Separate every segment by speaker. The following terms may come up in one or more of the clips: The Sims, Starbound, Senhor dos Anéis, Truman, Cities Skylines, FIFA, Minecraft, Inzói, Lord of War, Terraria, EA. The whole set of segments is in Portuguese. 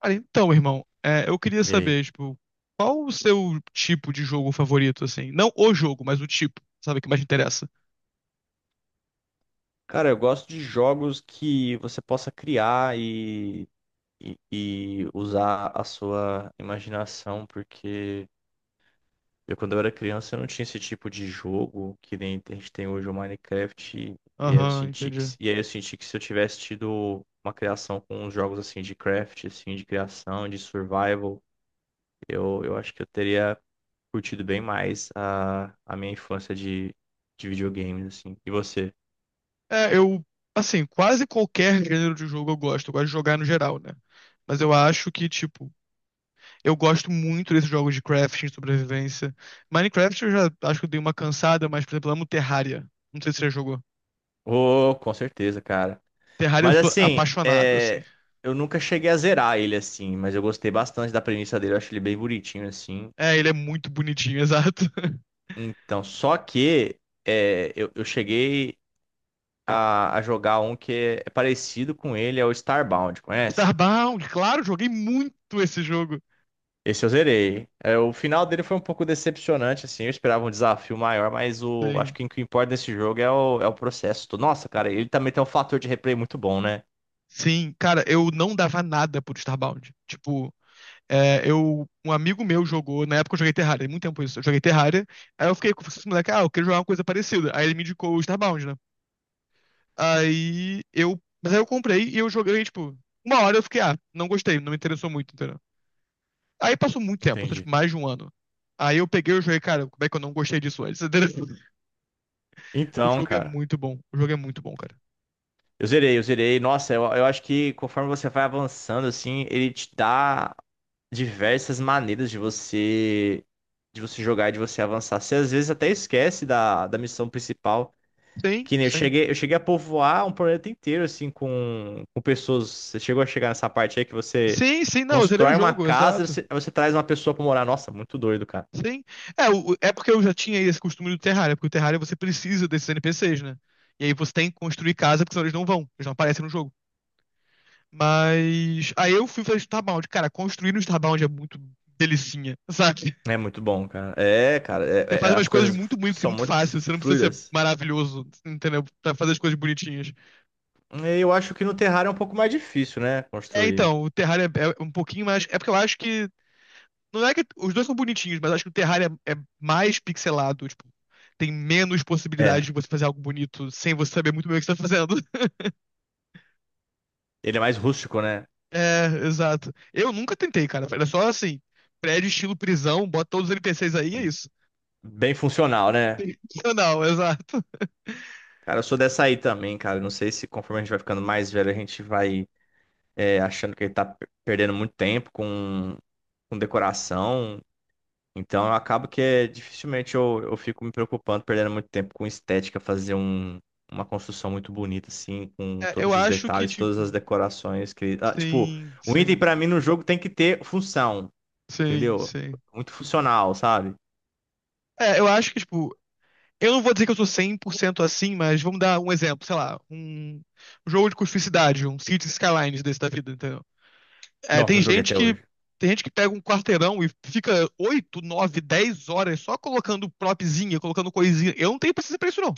Speaker 1: Cara, então, irmão, eu queria
Speaker 2: E aí?
Speaker 1: saber, tipo, qual o seu tipo de jogo favorito, assim? Não o jogo, mas o tipo, sabe, que mais te interessa.
Speaker 2: Cara, eu gosto de jogos que você possa criar e usar a sua imaginação, porque quando eu era criança, eu não tinha esse tipo de jogo que nem a gente tem hoje o Minecraft.
Speaker 1: Aham, entendi.
Speaker 2: E aí eu senti que se eu tivesse tido uma criação com uns jogos assim de craft, assim, de criação, de survival, eu acho que eu teria curtido bem mais a minha infância de videogames, assim. E você?
Speaker 1: É, eu, assim, quase qualquer gênero de jogo eu gosto. Eu gosto de jogar no geral, né? Mas eu acho que, tipo, eu gosto muito desses jogos de crafting, sobrevivência. Minecraft eu já acho que eu dei uma cansada, mas, por exemplo, eu amo Terraria. Não sei se você já jogou.
Speaker 2: Oh, com certeza, cara.
Speaker 1: Terraria eu
Speaker 2: Mas
Speaker 1: sou
Speaker 2: assim,
Speaker 1: apaixonado, assim.
Speaker 2: eu nunca cheguei a zerar ele assim, mas eu gostei bastante da premissa dele, eu acho ele bem bonitinho assim.
Speaker 1: É, ele é muito bonitinho, exato.
Speaker 2: Então, só que eu cheguei a jogar um que é parecido com ele, é o Starbound, conhece?
Speaker 1: Starbound, claro, joguei muito esse jogo.
Speaker 2: Esse eu zerei. É, o final dele foi um pouco decepcionante, assim, eu esperava um desafio maior, mas acho
Speaker 1: Sim,
Speaker 2: que o que importa nesse jogo é é o processo. Nossa, cara, ele também tem um fator de replay muito bom, né?
Speaker 1: sim, cara, eu não dava nada por Starbound. Tipo, um amigo meu jogou, na época eu joguei Terraria, muito tempo isso, eu joguei Terraria, aí eu fiquei com esse moleque, ah, eu queria jogar uma coisa parecida. Aí ele me indicou o Starbound, né? Mas aí eu comprei e eu joguei, tipo, uma hora eu fiquei, ah, não gostei, não me interessou muito, entendeu? Aí passou muito tempo, passou tipo
Speaker 2: Entendi.
Speaker 1: mais de um ano. Aí eu peguei e joguei, cara, como é que eu não gostei disso antes? entendeu? O
Speaker 2: Então,
Speaker 1: jogo é
Speaker 2: cara.
Speaker 1: muito bom, o jogo é muito bom, cara.
Speaker 2: Eu zerei. Nossa, eu acho que conforme você vai avançando, assim, ele te dá diversas maneiras de você jogar e de você avançar. Você às vezes até esquece da, da missão principal.
Speaker 1: Sim,
Speaker 2: Que nem eu
Speaker 1: sim.
Speaker 2: cheguei, eu cheguei a povoar um planeta inteiro, assim, com pessoas. Você chegou a chegar nessa parte aí que você
Speaker 1: Sim, sim, não, eu zerei o
Speaker 2: constrói uma
Speaker 1: jogo,
Speaker 2: casa,
Speaker 1: exato.
Speaker 2: você traz uma pessoa pra morar. Nossa, muito doido, cara.
Speaker 1: Sim. É porque eu já tinha esse costume do Terraria, porque o Terraria você precisa desses NPCs, né? E aí você tem que construir casa, porque senão eles não vão, eles não aparecem no jogo. Mas aí eu fui fazer Starbound. Cara, construir no Starbound é muito delicinha, sabe?
Speaker 2: É muito bom, cara. É, cara,
Speaker 1: Você faz umas
Speaker 2: as
Speaker 1: coisas
Speaker 2: coisas
Speaker 1: muito bonitas, e
Speaker 2: são
Speaker 1: muito
Speaker 2: muito
Speaker 1: fácil. Você não precisa ser
Speaker 2: fluidas.
Speaker 1: maravilhoso, entendeu? Pra fazer as coisas bonitinhas.
Speaker 2: Eu acho que no Terraria é um pouco mais difícil, né?
Speaker 1: É,
Speaker 2: Construir.
Speaker 1: então, o Terraria é um pouquinho mais. É porque eu acho que. Não é que os dois são bonitinhos, mas acho que o Terraria é mais pixelado, tipo, tem menos possibilidade
Speaker 2: É.
Speaker 1: de você fazer algo bonito sem você saber muito bem o que você tá fazendo.
Speaker 2: Ele é mais rústico, né?
Speaker 1: É, exato. Eu nunca tentei, cara. Era só assim, prédio estilo prisão, bota todos os NPCs aí, é isso.
Speaker 2: Bem funcional, né?
Speaker 1: Não, exato.
Speaker 2: Cara, eu sou dessa aí também, cara. Não sei se conforme a gente vai ficando mais velho, a gente vai é, achando que ele tá per- perdendo muito tempo com decoração. Então, eu acabo que é, dificilmente eu fico me preocupando, perdendo muito tempo com estética, fazer um, uma construção muito bonita, assim, com
Speaker 1: É, eu
Speaker 2: todos os
Speaker 1: acho que,
Speaker 2: detalhes, todas
Speaker 1: tipo,
Speaker 2: as decorações que. Ah, tipo,
Speaker 1: sim,
Speaker 2: o item
Speaker 1: sim,
Speaker 2: pra mim no jogo tem que ter função.
Speaker 1: sim,
Speaker 2: Entendeu?
Speaker 1: sim.
Speaker 2: Muito funcional, sabe?
Speaker 1: É, eu acho que, tipo, eu não vou dizer que eu sou 100% assim, mas vamos dar um exemplo, sei lá, um jogo de cuspicidade, um Cities Skylines desse da vida, entendeu? É,
Speaker 2: Nossa, não joguei até hoje.
Speaker 1: tem gente que pega um quarteirão e fica 8 9 10 horas só colocando propzinha, colocando coisinha. Eu não tenho paciência pra isso, não.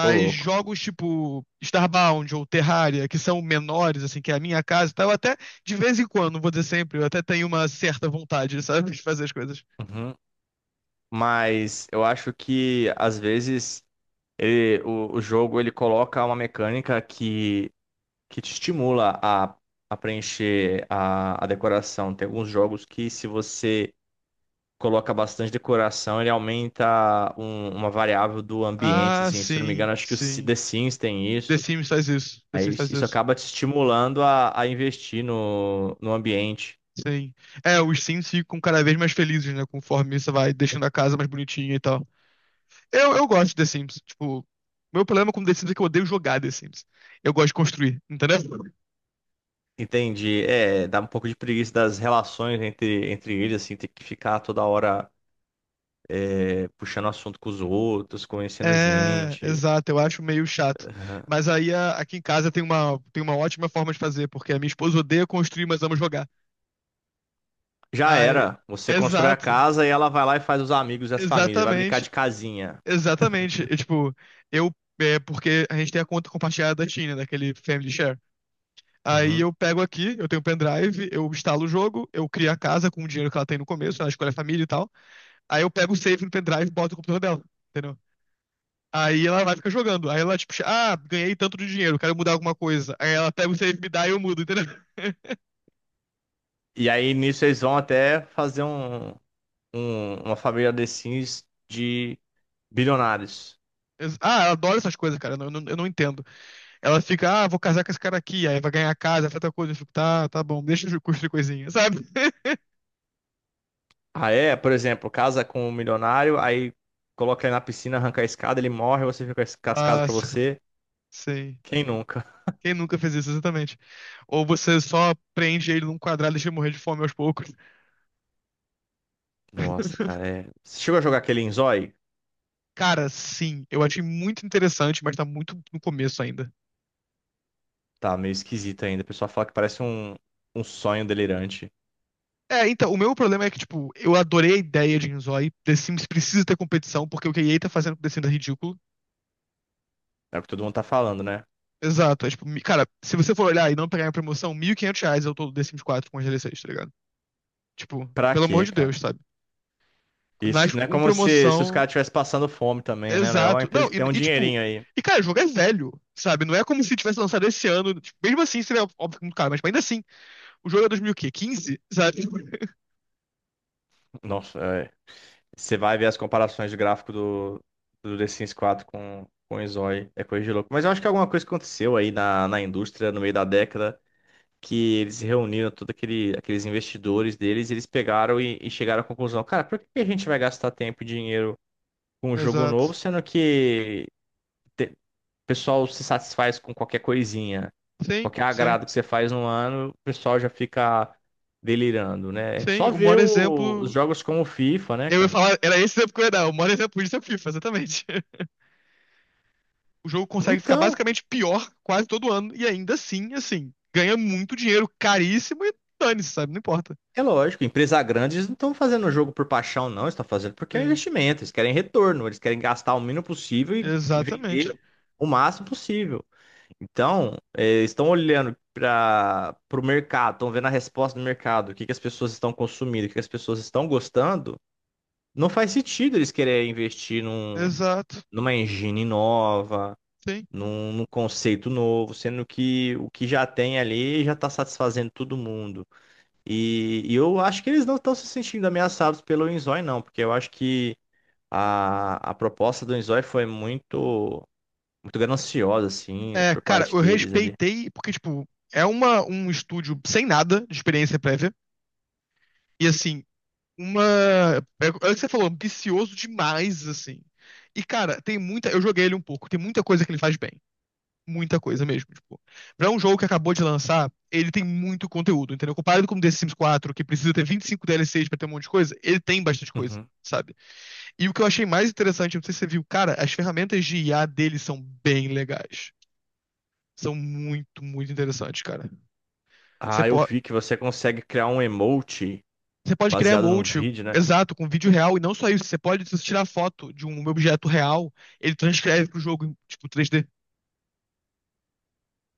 Speaker 2: Ô, louco.
Speaker 1: jogos tipo Starbound ou Terraria, que são menores, assim, que é a minha casa e tal, eu até, de vez em quando, não vou dizer sempre, eu até tenho uma certa vontade, sabe, de fazer as coisas.
Speaker 2: Uhum. Mas eu acho que às vezes o jogo ele coloca uma mecânica que te estimula a preencher a decoração. Tem alguns jogos que se você coloca bastante decoração, ele aumenta uma variável do ambiente,
Speaker 1: Ah,
Speaker 2: assim. Se eu não me
Speaker 1: sim,
Speaker 2: engano, acho que
Speaker 1: sim.
Speaker 2: The Sims tem isso.
Speaker 1: The Sims faz isso. The
Speaker 2: Aí
Speaker 1: Sims
Speaker 2: isso
Speaker 1: faz
Speaker 2: isso
Speaker 1: isso.
Speaker 2: acaba te estimulando a investir no, no ambiente.
Speaker 1: Sim. É, os Sims ficam cada vez mais felizes, né? Conforme você vai deixando a casa mais bonitinha e tal. Eu gosto de The Sims. Tipo, meu problema com The Sims é que eu odeio jogar The Sims. Eu gosto de construir, entendeu?
Speaker 2: Entendi. É, dá um pouco de preguiça das relações entre, entre eles, assim, ter que ficar toda hora é, puxando assunto com os outros, conhecendo
Speaker 1: É,
Speaker 2: gente.
Speaker 1: exato, eu acho meio chato.
Speaker 2: Aham.
Speaker 1: Mas aí aqui em casa tem uma ótima forma de fazer, porque a minha esposa odeia construir, mas ama jogar.
Speaker 2: Já
Speaker 1: Aí,
Speaker 2: era. Você constrói a
Speaker 1: exato,
Speaker 2: casa e ela vai lá e faz os amigos e as famílias. Vai brincar
Speaker 1: exatamente,
Speaker 2: de casinha.
Speaker 1: exatamente. E, tipo, eu, é porque a gente tem a conta compartilhada da China, daquele Family Share. Aí
Speaker 2: Uhum.
Speaker 1: eu pego aqui, eu tenho um pendrive, eu instalo o jogo, eu crio a casa com o dinheiro que ela tem no começo, ela escolhe a família e tal. Aí eu pego o save no pendrive e boto no computador dela, entendeu? Aí ela vai ficar jogando. Aí ela, tipo, ah, ganhei tanto de dinheiro, quero mudar alguma coisa. Aí ela pega o save, me dá e eu mudo, entendeu?
Speaker 2: E aí nisso eles vão até fazer um, uma família The Sims de bilionários.
Speaker 1: Ah, ela adora essas coisas, cara. Eu não entendo. Ela fica, ah, vou casar com esse cara aqui, aí vai ganhar casa, faz outra coisa. Eu fico, tá, tá bom, deixa eu construir coisinha, sabe?
Speaker 2: Ah, é? Por exemplo, casa com um milionário, aí coloca ele na piscina, arranca a escada, ele morre, você fica com as casas pra
Speaker 1: Mas,
Speaker 2: você.
Speaker 1: sei.
Speaker 2: Quem nunca?
Speaker 1: Quem nunca fez isso, exatamente? Ou você só prende ele num quadrado e deixa ele morrer de fome aos poucos.
Speaker 2: Nossa, cara, é. Você chegou a jogar aquele Inzói?
Speaker 1: Cara, sim, eu achei muito interessante, mas tá muito no começo ainda.
Speaker 2: Tá meio esquisito ainda. O pessoal fala que parece um, um sonho delirante.
Speaker 1: É, então, o meu problema é que, tipo, eu adorei a ideia de Inzói. The Sims precisa ter competição, porque o que a EA tá fazendo com The Sims é ridículo.
Speaker 2: É o que todo mundo tá falando, né?
Speaker 1: Exato. É, tipo, cara, se você for olhar e não pegar a promoção, R$ 1.500 eu tô do The Sims 4 com as DLCs, tá ligado? Tipo,
Speaker 2: Pra
Speaker 1: pelo amor
Speaker 2: quê,
Speaker 1: de
Speaker 2: cara?
Speaker 1: Deus, sabe?
Speaker 2: Isso
Speaker 1: Nas,
Speaker 2: não é
Speaker 1: com
Speaker 2: como se os
Speaker 1: promoção.
Speaker 2: caras estivessem passando fome também, né? É uma
Speaker 1: Exato.
Speaker 2: empresa
Speaker 1: Não,
Speaker 2: que tem um
Speaker 1: tipo.
Speaker 2: dinheirinho aí.
Speaker 1: E, cara, o jogo é velho, sabe? Não é como se tivesse lançado esse ano. Tipo, mesmo assim, seria óbvio que muito caro, mas tipo, ainda assim, o jogo é dois mil quê? Quinze, sabe?
Speaker 2: Nossa, é. Você vai ver as comparações de gráfico do, do The Sims 4 com o Inzói. É coisa de louco. Mas eu acho que alguma coisa aconteceu aí na, na indústria no meio da década, que eles reuniram todos aquele, aqueles investidores deles, e eles pegaram e chegaram à conclusão, cara, por que que a gente vai gastar tempo e dinheiro com um jogo novo,
Speaker 1: Exato.
Speaker 2: sendo que o pessoal se satisfaz com qualquer coisinha,
Speaker 1: Sim,
Speaker 2: qualquer
Speaker 1: sim.
Speaker 2: agrado que você faz no ano, o pessoal já fica delirando, né?
Speaker 1: Sim,
Speaker 2: Só
Speaker 1: o
Speaker 2: ver
Speaker 1: maior
Speaker 2: os
Speaker 1: exemplo.
Speaker 2: jogos como o FIFA, né,
Speaker 1: Eu ia
Speaker 2: cara?
Speaker 1: falar, era esse exemplo que eu ia dar. O maior exemplo disso é o FIFA, exatamente. O jogo consegue ficar
Speaker 2: Então,
Speaker 1: basicamente pior quase todo ano, e ainda assim, ganha muito dinheiro, caríssimo e dane-se, sabe? Não importa.
Speaker 2: é lógico, empresa grande, eles não estão fazendo o jogo por paixão, não, eles estão fazendo porque é um
Speaker 1: Sim,
Speaker 2: investimento, eles querem retorno, eles querem gastar o mínimo possível e
Speaker 1: exatamente.
Speaker 2: vender o máximo possível. Então, estão olhando para o mercado, estão vendo a resposta do mercado, o que que as pessoas estão consumindo, o que que as pessoas estão gostando. Não faz sentido eles quererem investir num,
Speaker 1: Exato,
Speaker 2: numa engine nova,
Speaker 1: sim.
Speaker 2: num, num conceito novo, sendo que o que já tem ali já está satisfazendo todo mundo. E eu acho que eles não estão se sentindo ameaçados pelo Inzói, não, porque eu acho que a proposta do Inzói foi muito, muito gananciosa, assim,
Speaker 1: É,
Speaker 2: por
Speaker 1: cara,
Speaker 2: parte
Speaker 1: eu
Speaker 2: deles ali.
Speaker 1: respeitei, porque, tipo, é um estúdio sem nada de experiência prévia, e assim, uma. É, é o que você falou, ambicioso demais, assim. E, cara, tem muita. Eu joguei ele um pouco, tem muita coisa que ele faz bem. Muita coisa mesmo. Tipo, pra um jogo que acabou de lançar, ele tem muito conteúdo, entendeu? Comparado com o The Sims 4, que precisa ter 25 DLCs pra ter um monte de coisa, ele tem bastante coisa,
Speaker 2: Uhum.
Speaker 1: sabe? E o que eu achei mais interessante, não sei se você viu, cara, as ferramentas de IA dele são bem legais. São muito, muito interessantes, cara. Você,
Speaker 2: Ah, eu
Speaker 1: pode
Speaker 2: vi que você consegue criar um emote
Speaker 1: você pode criar
Speaker 2: baseado num
Speaker 1: emote.
Speaker 2: vídeo, né?
Speaker 1: Exato, com vídeo real, e não só isso, você pode, se você tirar foto de um objeto real, ele transcreve pro jogo, em, tipo, 3D.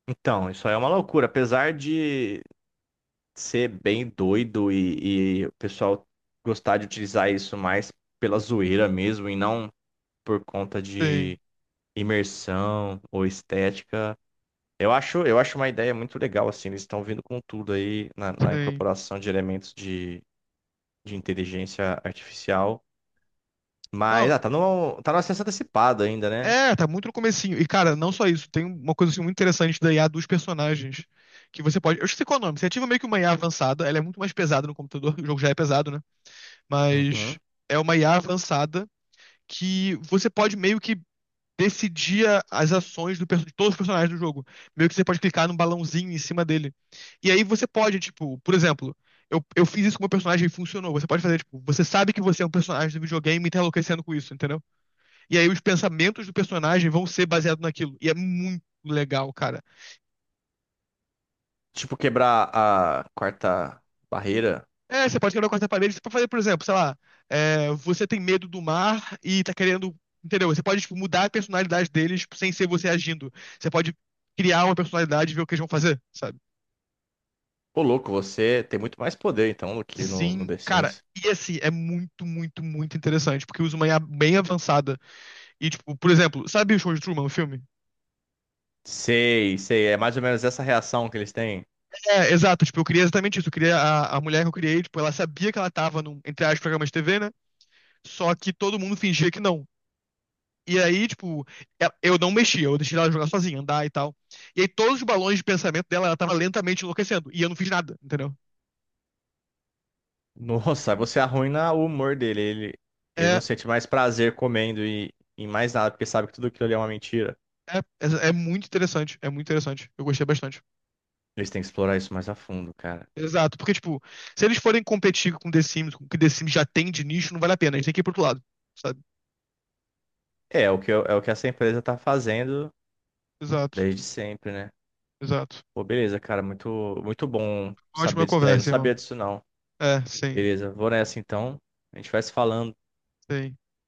Speaker 2: Então, isso aí é uma loucura. Apesar de ser bem doido e o pessoal gostar de utilizar isso mais pela zoeira mesmo e não por conta
Speaker 1: Tem,
Speaker 2: de imersão ou estética, eu acho uma ideia muito legal, assim. Eles estão vindo com tudo aí na, na
Speaker 1: tem.
Speaker 2: incorporação de elementos de inteligência artificial. Mas,
Speaker 1: Não,
Speaker 2: ah, tá no, tá no acesso antecipado ainda, né?
Speaker 1: é, tá muito no comecinho. E, cara, não só isso, tem uma coisa assim, muito interessante da IA dos personagens. Que você pode. Eu esqueci qual é o nome. Você ativa meio que uma IA avançada, ela é muito mais pesada no computador, o jogo já é pesado, né? Mas
Speaker 2: Uhum.
Speaker 1: é uma IA avançada que você pode meio que decidir as ações de todos os personagens do jogo. Meio que você pode clicar num balãozinho em cima dele. E aí você pode, tipo, por exemplo, eu fiz isso com o meu personagem e funcionou. Você pode fazer, tipo, você sabe que você é um personagem do videogame e tá enlouquecendo com isso, entendeu? E aí os pensamentos do personagem vão ser baseados naquilo. E é muito legal, cara.
Speaker 2: Tipo, quebrar a quarta barreira.
Speaker 1: É, você pode quebrar a quarta parede, você pode fazer, por exemplo, sei lá, é, você tem medo do mar e tá querendo. Entendeu? Você pode, tipo, mudar a personalidade deles sem ser você agindo. Você pode criar uma personalidade e ver o que eles vão fazer, sabe?
Speaker 2: Ô, louco, você tem muito mais poder, então, do que no, no
Speaker 1: Sim,
Speaker 2: The
Speaker 1: cara.
Speaker 2: Sims.
Speaker 1: E assim, é muito, muito, muito interessante, porque usa uma IA bem avançada. E, tipo, por exemplo, sabe o show de Truman, o filme?
Speaker 2: Sei, sei. É mais ou menos essa reação que eles têm.
Speaker 1: É, exato, tipo, eu queria exatamente isso. Eu queria a mulher que eu criei, tipo, ela sabia que ela tava num, entre aspas, programa de TV, né? Só que todo mundo fingia que não. E aí, tipo, eu não mexia, eu deixei ela jogar sozinha, andar e tal. E aí todos os balões de pensamento dela, ela tava lentamente enlouquecendo. E eu não fiz nada, entendeu?
Speaker 2: Nossa, você arruina o humor dele. Ele não
Speaker 1: É,
Speaker 2: sente mais prazer comendo e em mais nada, porque sabe que tudo aquilo ali é uma mentira.
Speaker 1: é muito interessante, é muito interessante. Eu gostei bastante.
Speaker 2: Eles têm que explorar isso mais a fundo, cara.
Speaker 1: Exato, porque, tipo, se eles forem competir com The Sims, com o que The Sims já tem de nicho, não vale a pena. A gente tem que ir pro outro lado, sabe?
Speaker 2: É, é o que, é o que essa empresa tá fazendo
Speaker 1: Exato,
Speaker 2: desde sempre, né?
Speaker 1: exato.
Speaker 2: Pô, beleza, cara. Muito, muito bom
Speaker 1: Ótima
Speaker 2: saber disso daí. Eu não
Speaker 1: conversa,
Speaker 2: sabia
Speaker 1: irmão.
Speaker 2: disso, não.
Speaker 1: É, sim,
Speaker 2: Beleza, vou nessa então. A gente vai se falando.
Speaker 1: sim.